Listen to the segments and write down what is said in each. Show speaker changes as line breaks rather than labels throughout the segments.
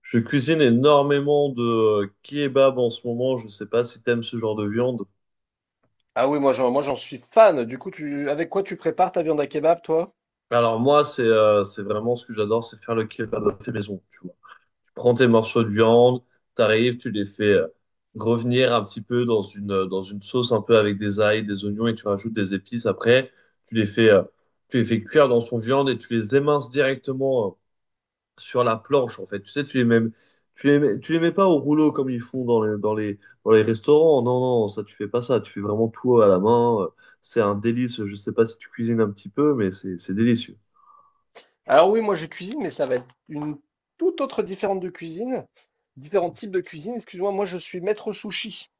Je cuisine énormément de kebab en ce moment. Je ne sais pas si t'aimes ce genre de viande.
Ah oui, moi j'en suis fan. Du coup, avec quoi tu prépares ta viande à kebab, toi?
Alors moi, c'est vraiment ce que j'adore, c'est faire le kebab à fait maison. Tu vois, tu prends tes morceaux de viande, t'arrives, tu les fais revenir un petit peu dans une sauce un peu avec des ail, des oignons et tu rajoutes des épices. Après, tu les fais euh, tu les fais cuire dans son viande et tu les éminces directement. Sur la planche, en fait. Tu sais, tu les mets pas au rouleau comme ils font dans les restaurants. Non, non, ça, tu fais pas ça. Tu fais vraiment tout à la main. C'est un délice. Je sais pas si tu cuisines un petit peu, mais c'est délicieux.
Alors oui, moi je cuisine, mais ça va être une toute autre différente de cuisine, différents types de cuisine. Excuse-moi, moi je suis maître sushi.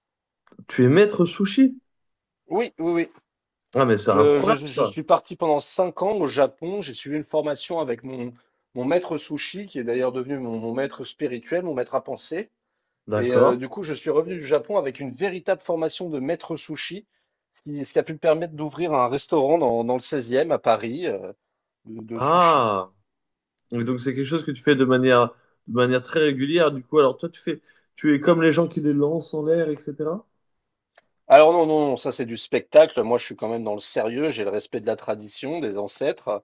Tu es maître sushi?
Oui, oui, oui.
Ah, mais c'est
Je, je,
incroyable,
je
ça.
suis parti pendant 5 ans au Japon. J'ai suivi une formation avec mon maître sushi, qui est d'ailleurs devenu mon maître spirituel, mon maître à penser. Et
D'accord.
du coup, je suis revenu du Japon avec une véritable formation de maître sushi, ce qui a pu me permettre d'ouvrir un restaurant dans le 16e à Paris, de sushi.
Ah, et donc c'est quelque chose que tu fais de manière très régulière. Du coup, alors toi, tu es comme les gens qui les lancent en l'air, etc.
Alors non, non, non, ça c'est du spectacle. Moi, je suis quand même dans le sérieux. J'ai le respect de la tradition, des ancêtres.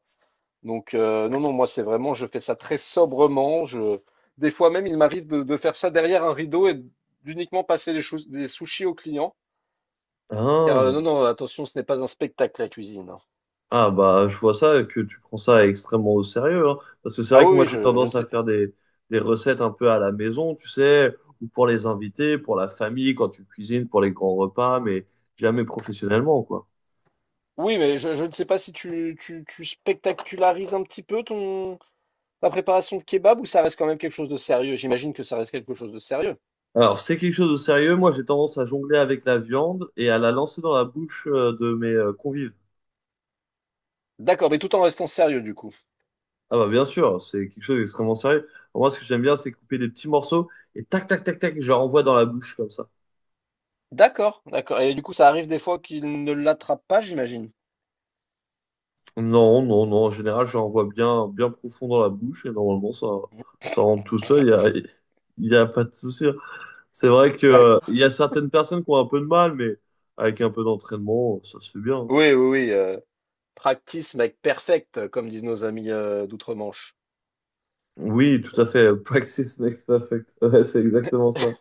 Donc non, non, moi c'est vraiment, je fais ça très sobrement. Des fois même, il m'arrive de faire ça derrière un rideau et d'uniquement passer des sushis aux clients. Car non,
Ah,
non, attention, ce n'est pas un spectacle la cuisine.
ah bah je vois ça que tu prends ça extrêmement au sérieux, hein. Parce que c'est
Ah
vrai
oui,
que moi
oui, je,
j'ai tendance
je
à
ne...
des recettes un peu à la maison, tu sais, ou pour les invités, pour la famille, quand tu cuisines, pour les grands repas, mais jamais professionnellement, quoi.
Oui, mais je ne sais pas si tu spectacularises un petit peu ta préparation de kebab, ou ça reste quand même quelque chose de sérieux. J'imagine que ça reste quelque chose de sérieux.
Alors c'est quelque chose de sérieux, moi j'ai tendance à jongler avec la viande et à la lancer dans la bouche de mes convives.
D'accord, mais tout en restant sérieux du coup.
Ah bah bien sûr, c'est quelque chose d'extrêmement sérieux. Moi, ce que j'aime bien, c'est couper des petits morceaux et tac, tac, tac, tac, je leur envoie dans la bouche comme ça.
D'accord, d'accord. Et du coup, ça arrive des fois qu'il ne l'attrape pas, j'imagine.
Non, non, non, en général, je leur envoie bien, bien profond dans la bouche et normalement, ça rentre tout seul, il y a pas de souci. C'est vrai que,
D'ac-
il y a certaines personnes qui ont un peu de mal, mais avec un peu d'entraînement, ça se fait bien.
Oui, oui, oui. Euh, practice make perfect, comme disent nos amis d'outre-Manche.
Oui, tout à fait. Practice makes perfect. Ouais, c'est exactement ça.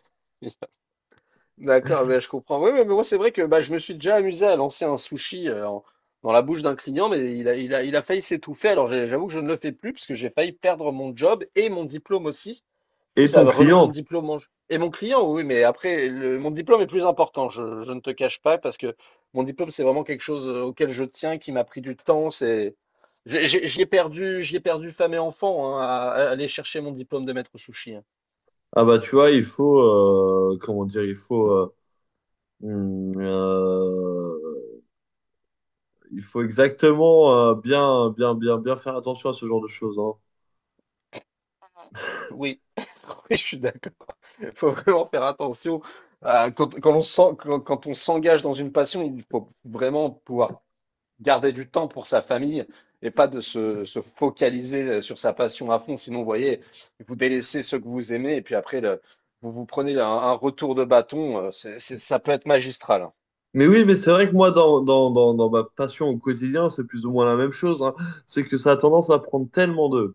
D'accord, ben, je comprends. Oui, oui, mais moi, c'est vrai que bah, je me suis déjà amusé à lancer un sushi, dans la bouche d'un client, mais il a failli s'étouffer. Alors, j'avoue que je ne le fais plus parce que j'ai failli perdre mon job et mon diplôme aussi. Du coup,
Et
ça
ton
a remis mon
client?
diplôme en jeu. Et mon client, oui, mais après, mon diplôme est plus important. Je ne te cache pas parce que mon diplôme, c'est vraiment quelque chose auquel je tiens, qui m'a pris du temps. J'y ai perdu femme et enfant, hein, à aller chercher mon diplôme de maître sushi, hein.
Ah bah tu vois, comment dire, hum, euh, il faut exactement bien, bien, bien, bien faire attention à ce genre de choses, hein.
Oui, oui, je suis d'accord. Il faut vraiment faire attention. Quand on s'engage dans une passion, il faut vraiment pouvoir garder du temps pour sa famille et pas de se focaliser sur sa passion à fond. Sinon, vous voyez, vous délaissez ceux que vous aimez et puis après, vous vous prenez un retour de bâton. Ça peut être magistral, hein.
Mais oui, mais c'est vrai que moi, dans ma passion au quotidien, c'est plus ou moins la même chose, hein. C'est que ça a tendance à prendre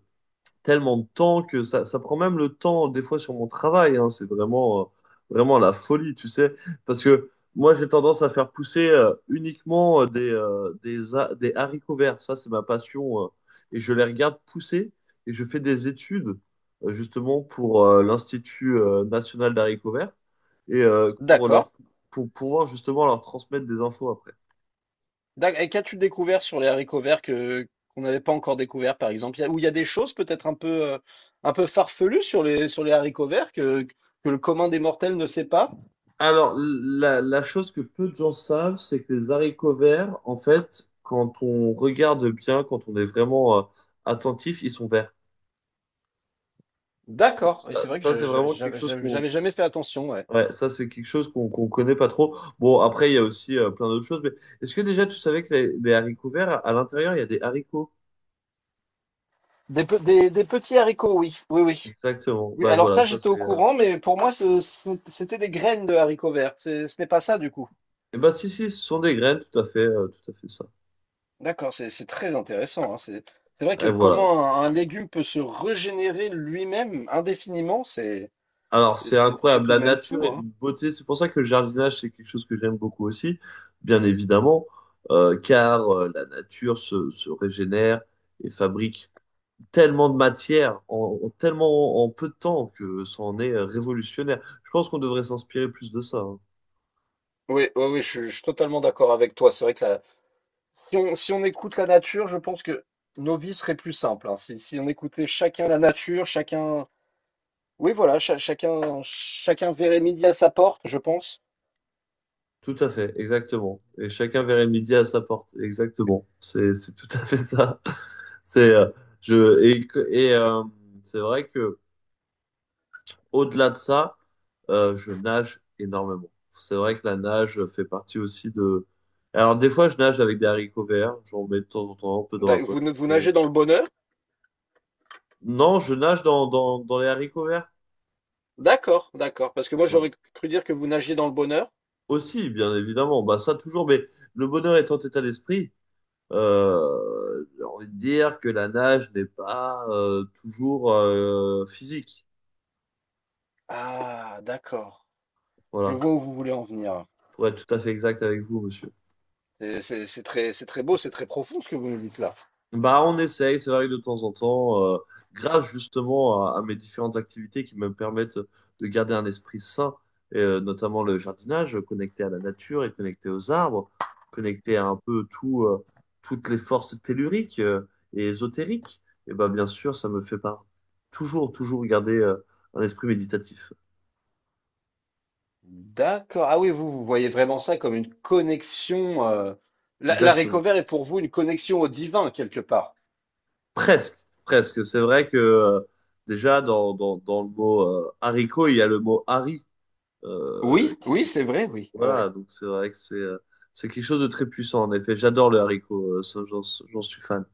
tellement de temps que ça prend même le temps, des fois, sur mon travail. Hein. C'est vraiment, vraiment la folie, tu sais. Parce que moi, j'ai tendance à faire pousser uniquement des haricots verts. Ça, c'est ma passion. Et je les regarde pousser et je fais des études justement, pour l'Institut national d'haricots verts et
D'accord.
pour pouvoir, justement, leur transmettre des infos après.
Et qu'as-tu découvert sur les haricots verts que qu'on n'avait pas encore découvert, par exemple? Ou il y a des choses peut-être un peu farfelues sur les haricots verts que le commun des mortels ne sait pas?
Alors, la chose que peu de gens savent, c'est que les haricots verts, en fait, quand on regarde bien, quand on est vraiment attentif, ils sont verts.
D'accord. Et
Ça,
c'est vrai que
ça,
je,
c'est
je-
vraiment quelque
j'avais
chose
j'avais- j'avais jamais fait attention. Ouais.
ouais, ça, c'est quelque chose qu'on connaît pas trop. Bon, après, il y a aussi plein d'autres choses, mais est-ce que déjà tu savais que les haricots verts, à l'intérieur, il y a des haricots?
Des petits haricots, oui, oui, oui.
Exactement.
Oui,
Bah
alors
voilà,
ça,
ça
j'étais
c'est.
au courant, mais pour moi, c'était des graines de haricots verts. Ce n'est pas ça, du coup.
Eh ben si si, ce sont des graines, tout à fait ça.
D'accord, c'est très intéressant, hein. C'est vrai
Et
que
voilà.
comment un légume peut se régénérer lui-même indéfiniment, c'est...
Alors, c'est
C'est
incroyable.
tout de
La
même
nature
fou,
est
hein.
d'une beauté. C'est pour ça que le jardinage, c'est quelque chose que j'aime beaucoup aussi, bien évidemment, car la nature se régénère et fabrique tellement de matière en tellement en peu de temps que ça en est révolutionnaire. Je pense qu'on devrait s'inspirer plus de ça. Hein.
Oui, oui, oui, je suis totalement d'accord avec toi. C'est vrai que si on écoute la nature, je pense que nos vies seraient plus simples, hein. Si on écoutait chacun la nature, chacun, oui, voilà, chacun verrait midi à sa porte, je pense.
Tout à fait, exactement. Et chacun verrait midi à sa porte. Exactement. C'est tout à fait ça. C'est, je, et, que- et C'est vrai que au-delà de ça, je nage énormément. C'est vrai que la nage fait partie aussi de... Alors des fois, je nage avec des haricots verts. J'en mets de temps en temps un peu dans
D'a-
ma
Vous,
poche.
ne- vous
Mais
nagez dans le bonheur?
non, je nage dans les haricots verts.
D'accord, d'accord. Parce que moi,
Voilà.
j'aurais cru dire que vous nagiez dans le bonheur.
Aussi, bien évidemment. Bah ça toujours. Mais le bonheur étant état d'esprit, j'ai envie de dire que la nage n'est pas toujours physique.
Ah, d'accord. Je
Voilà.
vois où vous voulez en venir.
Pour être tout à fait exact avec vous, monsieur.
C'est très beau, c'est très profond ce que vous nous dites là.
Bah, on essaye, c'est vrai que de temps en temps, grâce justement à mes différentes activités qui me permettent de garder un esprit sain, et, notamment le jardinage, connecté à la nature et connecté aux arbres, connecté à un peu tout, toutes les forces telluriques, et ésotériques, et bah, bien sûr, ça me fait pas toujours garder, un esprit méditatif.
D'accord. Ah oui, vous voyez vraiment ça comme une connexion. La
Exactement.
Recover est pour vous une connexion au divin, quelque part.
Presque, presque. C'est vrai que, déjà, dans le mot, haricot, il y a le mot hari. Euh,
Oui, oui,
qui- qui-
c'est vrai, oui.
voilà,
Ouais.
donc c'est vrai que c'est quelque chose de très puissant, en effet. J'adore le haricot, ça, j'en suis fan.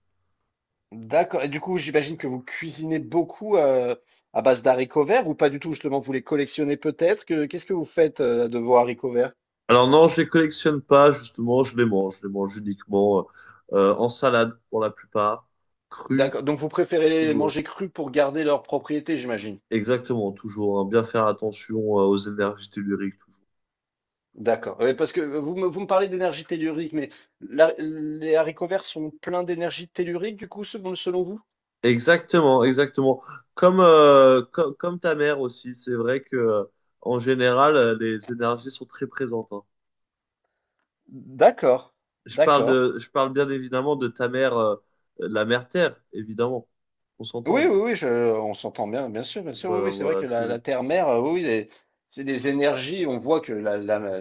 D'accord. Et du coup, j'imagine que vous cuisinez beaucoup, à base d'haricots verts, ou pas du tout, justement, vous les collectionnez peut-être. Qu'est-ce que vous faites de vos haricots verts?
Alors non, je les collectionne pas, justement, je les mange. Je les mange uniquement en salade pour la plupart, cru,
D'accord. Donc, vous préférez les
toujours.
manger crus pour garder leurs propriétés, j'imagine.
Exactement, toujours. Hein. Bien faire attention aux énergies telluriques, toujours.
D'accord. Ouais, parce que vous me parlez d'énergie tellurique, mais les haricots verts sont pleins d'énergie tellurique, du coup, selon vous?
Exactement, exactement. Comme, ta mère aussi, c'est vrai que en général, les énergies sont très présentes. Hein.
D'accord, d'accord.
Je parle bien évidemment de ta mère, la mère Terre, évidemment. On
Oui,
s'entend.
oui, oui, on s'entend bien, bien sûr, bien sûr. Oui,
Voilà,
oui, c'est vrai
voilà
que la
tout.
Terre-mère, oui, oui, c'est des énergies. On voit que la, la,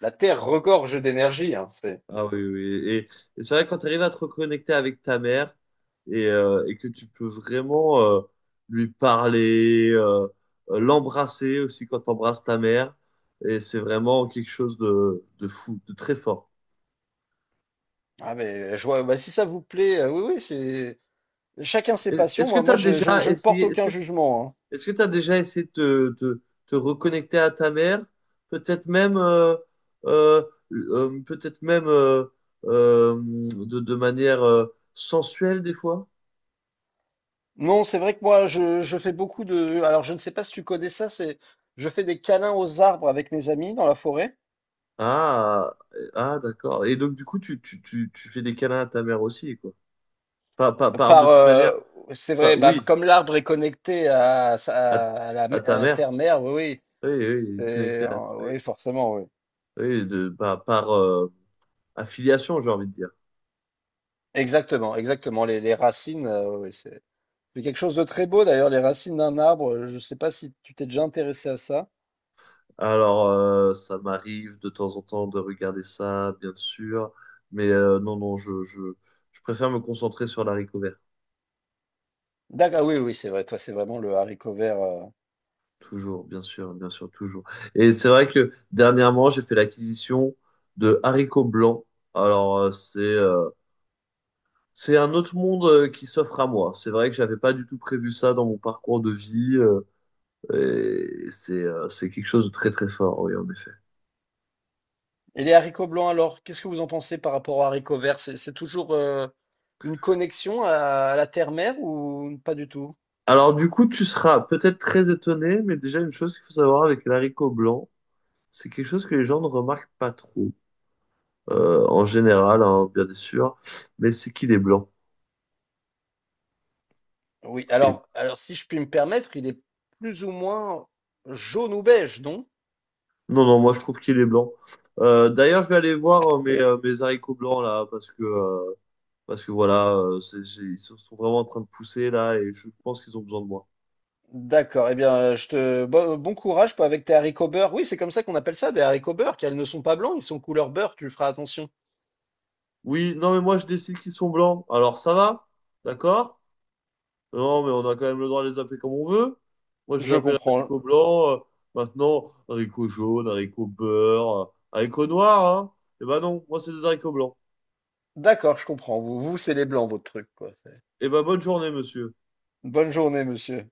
la Terre regorge d'énergie, hein,
Ah oui, oui. Oui. Et c'est vrai que quand tu arrives à te reconnecter avec ta mère et que tu peux vraiment lui parler, l'embrasser aussi quand tu embrasses ta mère, et c'est vraiment quelque chose de fou, de très fort.
ah, mais je vois, bah, si ça vous plaît, oui, oui, c'est chacun ses
Est-
passions.
Est-ce que
Moi,
tu
moi,
as
je,
déjà
je, je ne porte
essayé, est-ce
aucun
que
jugement, hein.
Est-ce que tu as déjà essayé de te, te- te reconnecter à ta mère? Peut-être même, euh, euh, Peut-être même euh, de manière sensuelle des fois?
Non, c'est vrai que moi, je fais beaucoup de... Alors, je ne sais pas si tu connais ça. Je fais des câlins aux arbres avec mes amis dans la forêt.
Ah, ah d'accord. Et donc, du coup, tu fais des câlins à ta mère aussi, quoi. Pas, pas, par- De
Par,
toute manière,
euh, c'est
pas,
vrai, bah,
oui,
comme l'arbre est connecté à,
à,
sa- à la,
à
à
ta
la
mère.
terre-mère, oui, oui,
Oui, oui, connecté à, oui,
oui, forcément, oui.
oui, affiliation, j'ai envie de dire.
Exactement, exactement. Les racines, oui, oui, c'est quelque chose de très beau d'ailleurs, les racines d'un arbre. Je ne sais pas si tu t'es déjà intéressé à ça.
Alors, ça m'arrive de temps en temps de regarder ça, bien sûr, mais non, non, je préfère me concentrer sur l'haricot vert.
D'accord, oui, oui, c'est vrai. Toi, c'est vraiment le haricot vert.
Toujours, bien sûr, toujours. Et c'est vrai que dernièrement, j'ai fait l'acquisition de haricots blancs. Alors, c'est un autre monde qui s'offre à moi. C'est vrai que j'avais pas du tout prévu ça dans mon parcours de vie, c'est quelque chose de très très fort, oui, en effet.
Et les haricots blancs, alors, qu'est-ce que vous en pensez par rapport aux haricots verts? C'est toujours une connexion à la terre-mère, ou pas du tout?
Alors du coup, tu seras peut-être très étonné, mais déjà une chose qu'il faut savoir avec l'haricot blanc, c'est quelque chose que les gens ne remarquent pas trop, en général, hein, bien sûr, mais c'est qu'il est blanc.
Oui,
Et...
alors si je puis me permettre, il est plus ou moins jaune ou beige, non?
Non, non, moi je trouve qu'il est blanc. D'ailleurs, je vais aller voir mes haricots blancs là, parce que voilà, ils sont vraiment en train de pousser là, et je pense qu'ils ont besoin de moi.
D'accord, eh bien, je te bon courage avec tes haricots beurre. Oui, c'est comme ça qu'on appelle ça, des haricots beurre, car ils ne sont pas blancs, ils sont couleur beurre, tu feras attention.
Oui, non, mais moi je décide qu'ils sont blancs. Alors ça va? D'accord? Non, mais on a quand même le droit de les appeler comme on veut. Moi, je les
Je
appelle
comprends.
haricots blancs. Maintenant, haricots jaunes, haricots beurre, haricots noirs. Hein. Eh ben non, moi, c'est des haricots blancs.
D'accord, je comprends. Vous, vous, c'est les blancs, votre truc, quoi.
Eh ben, bonne journée, monsieur.
Bonne journée, monsieur.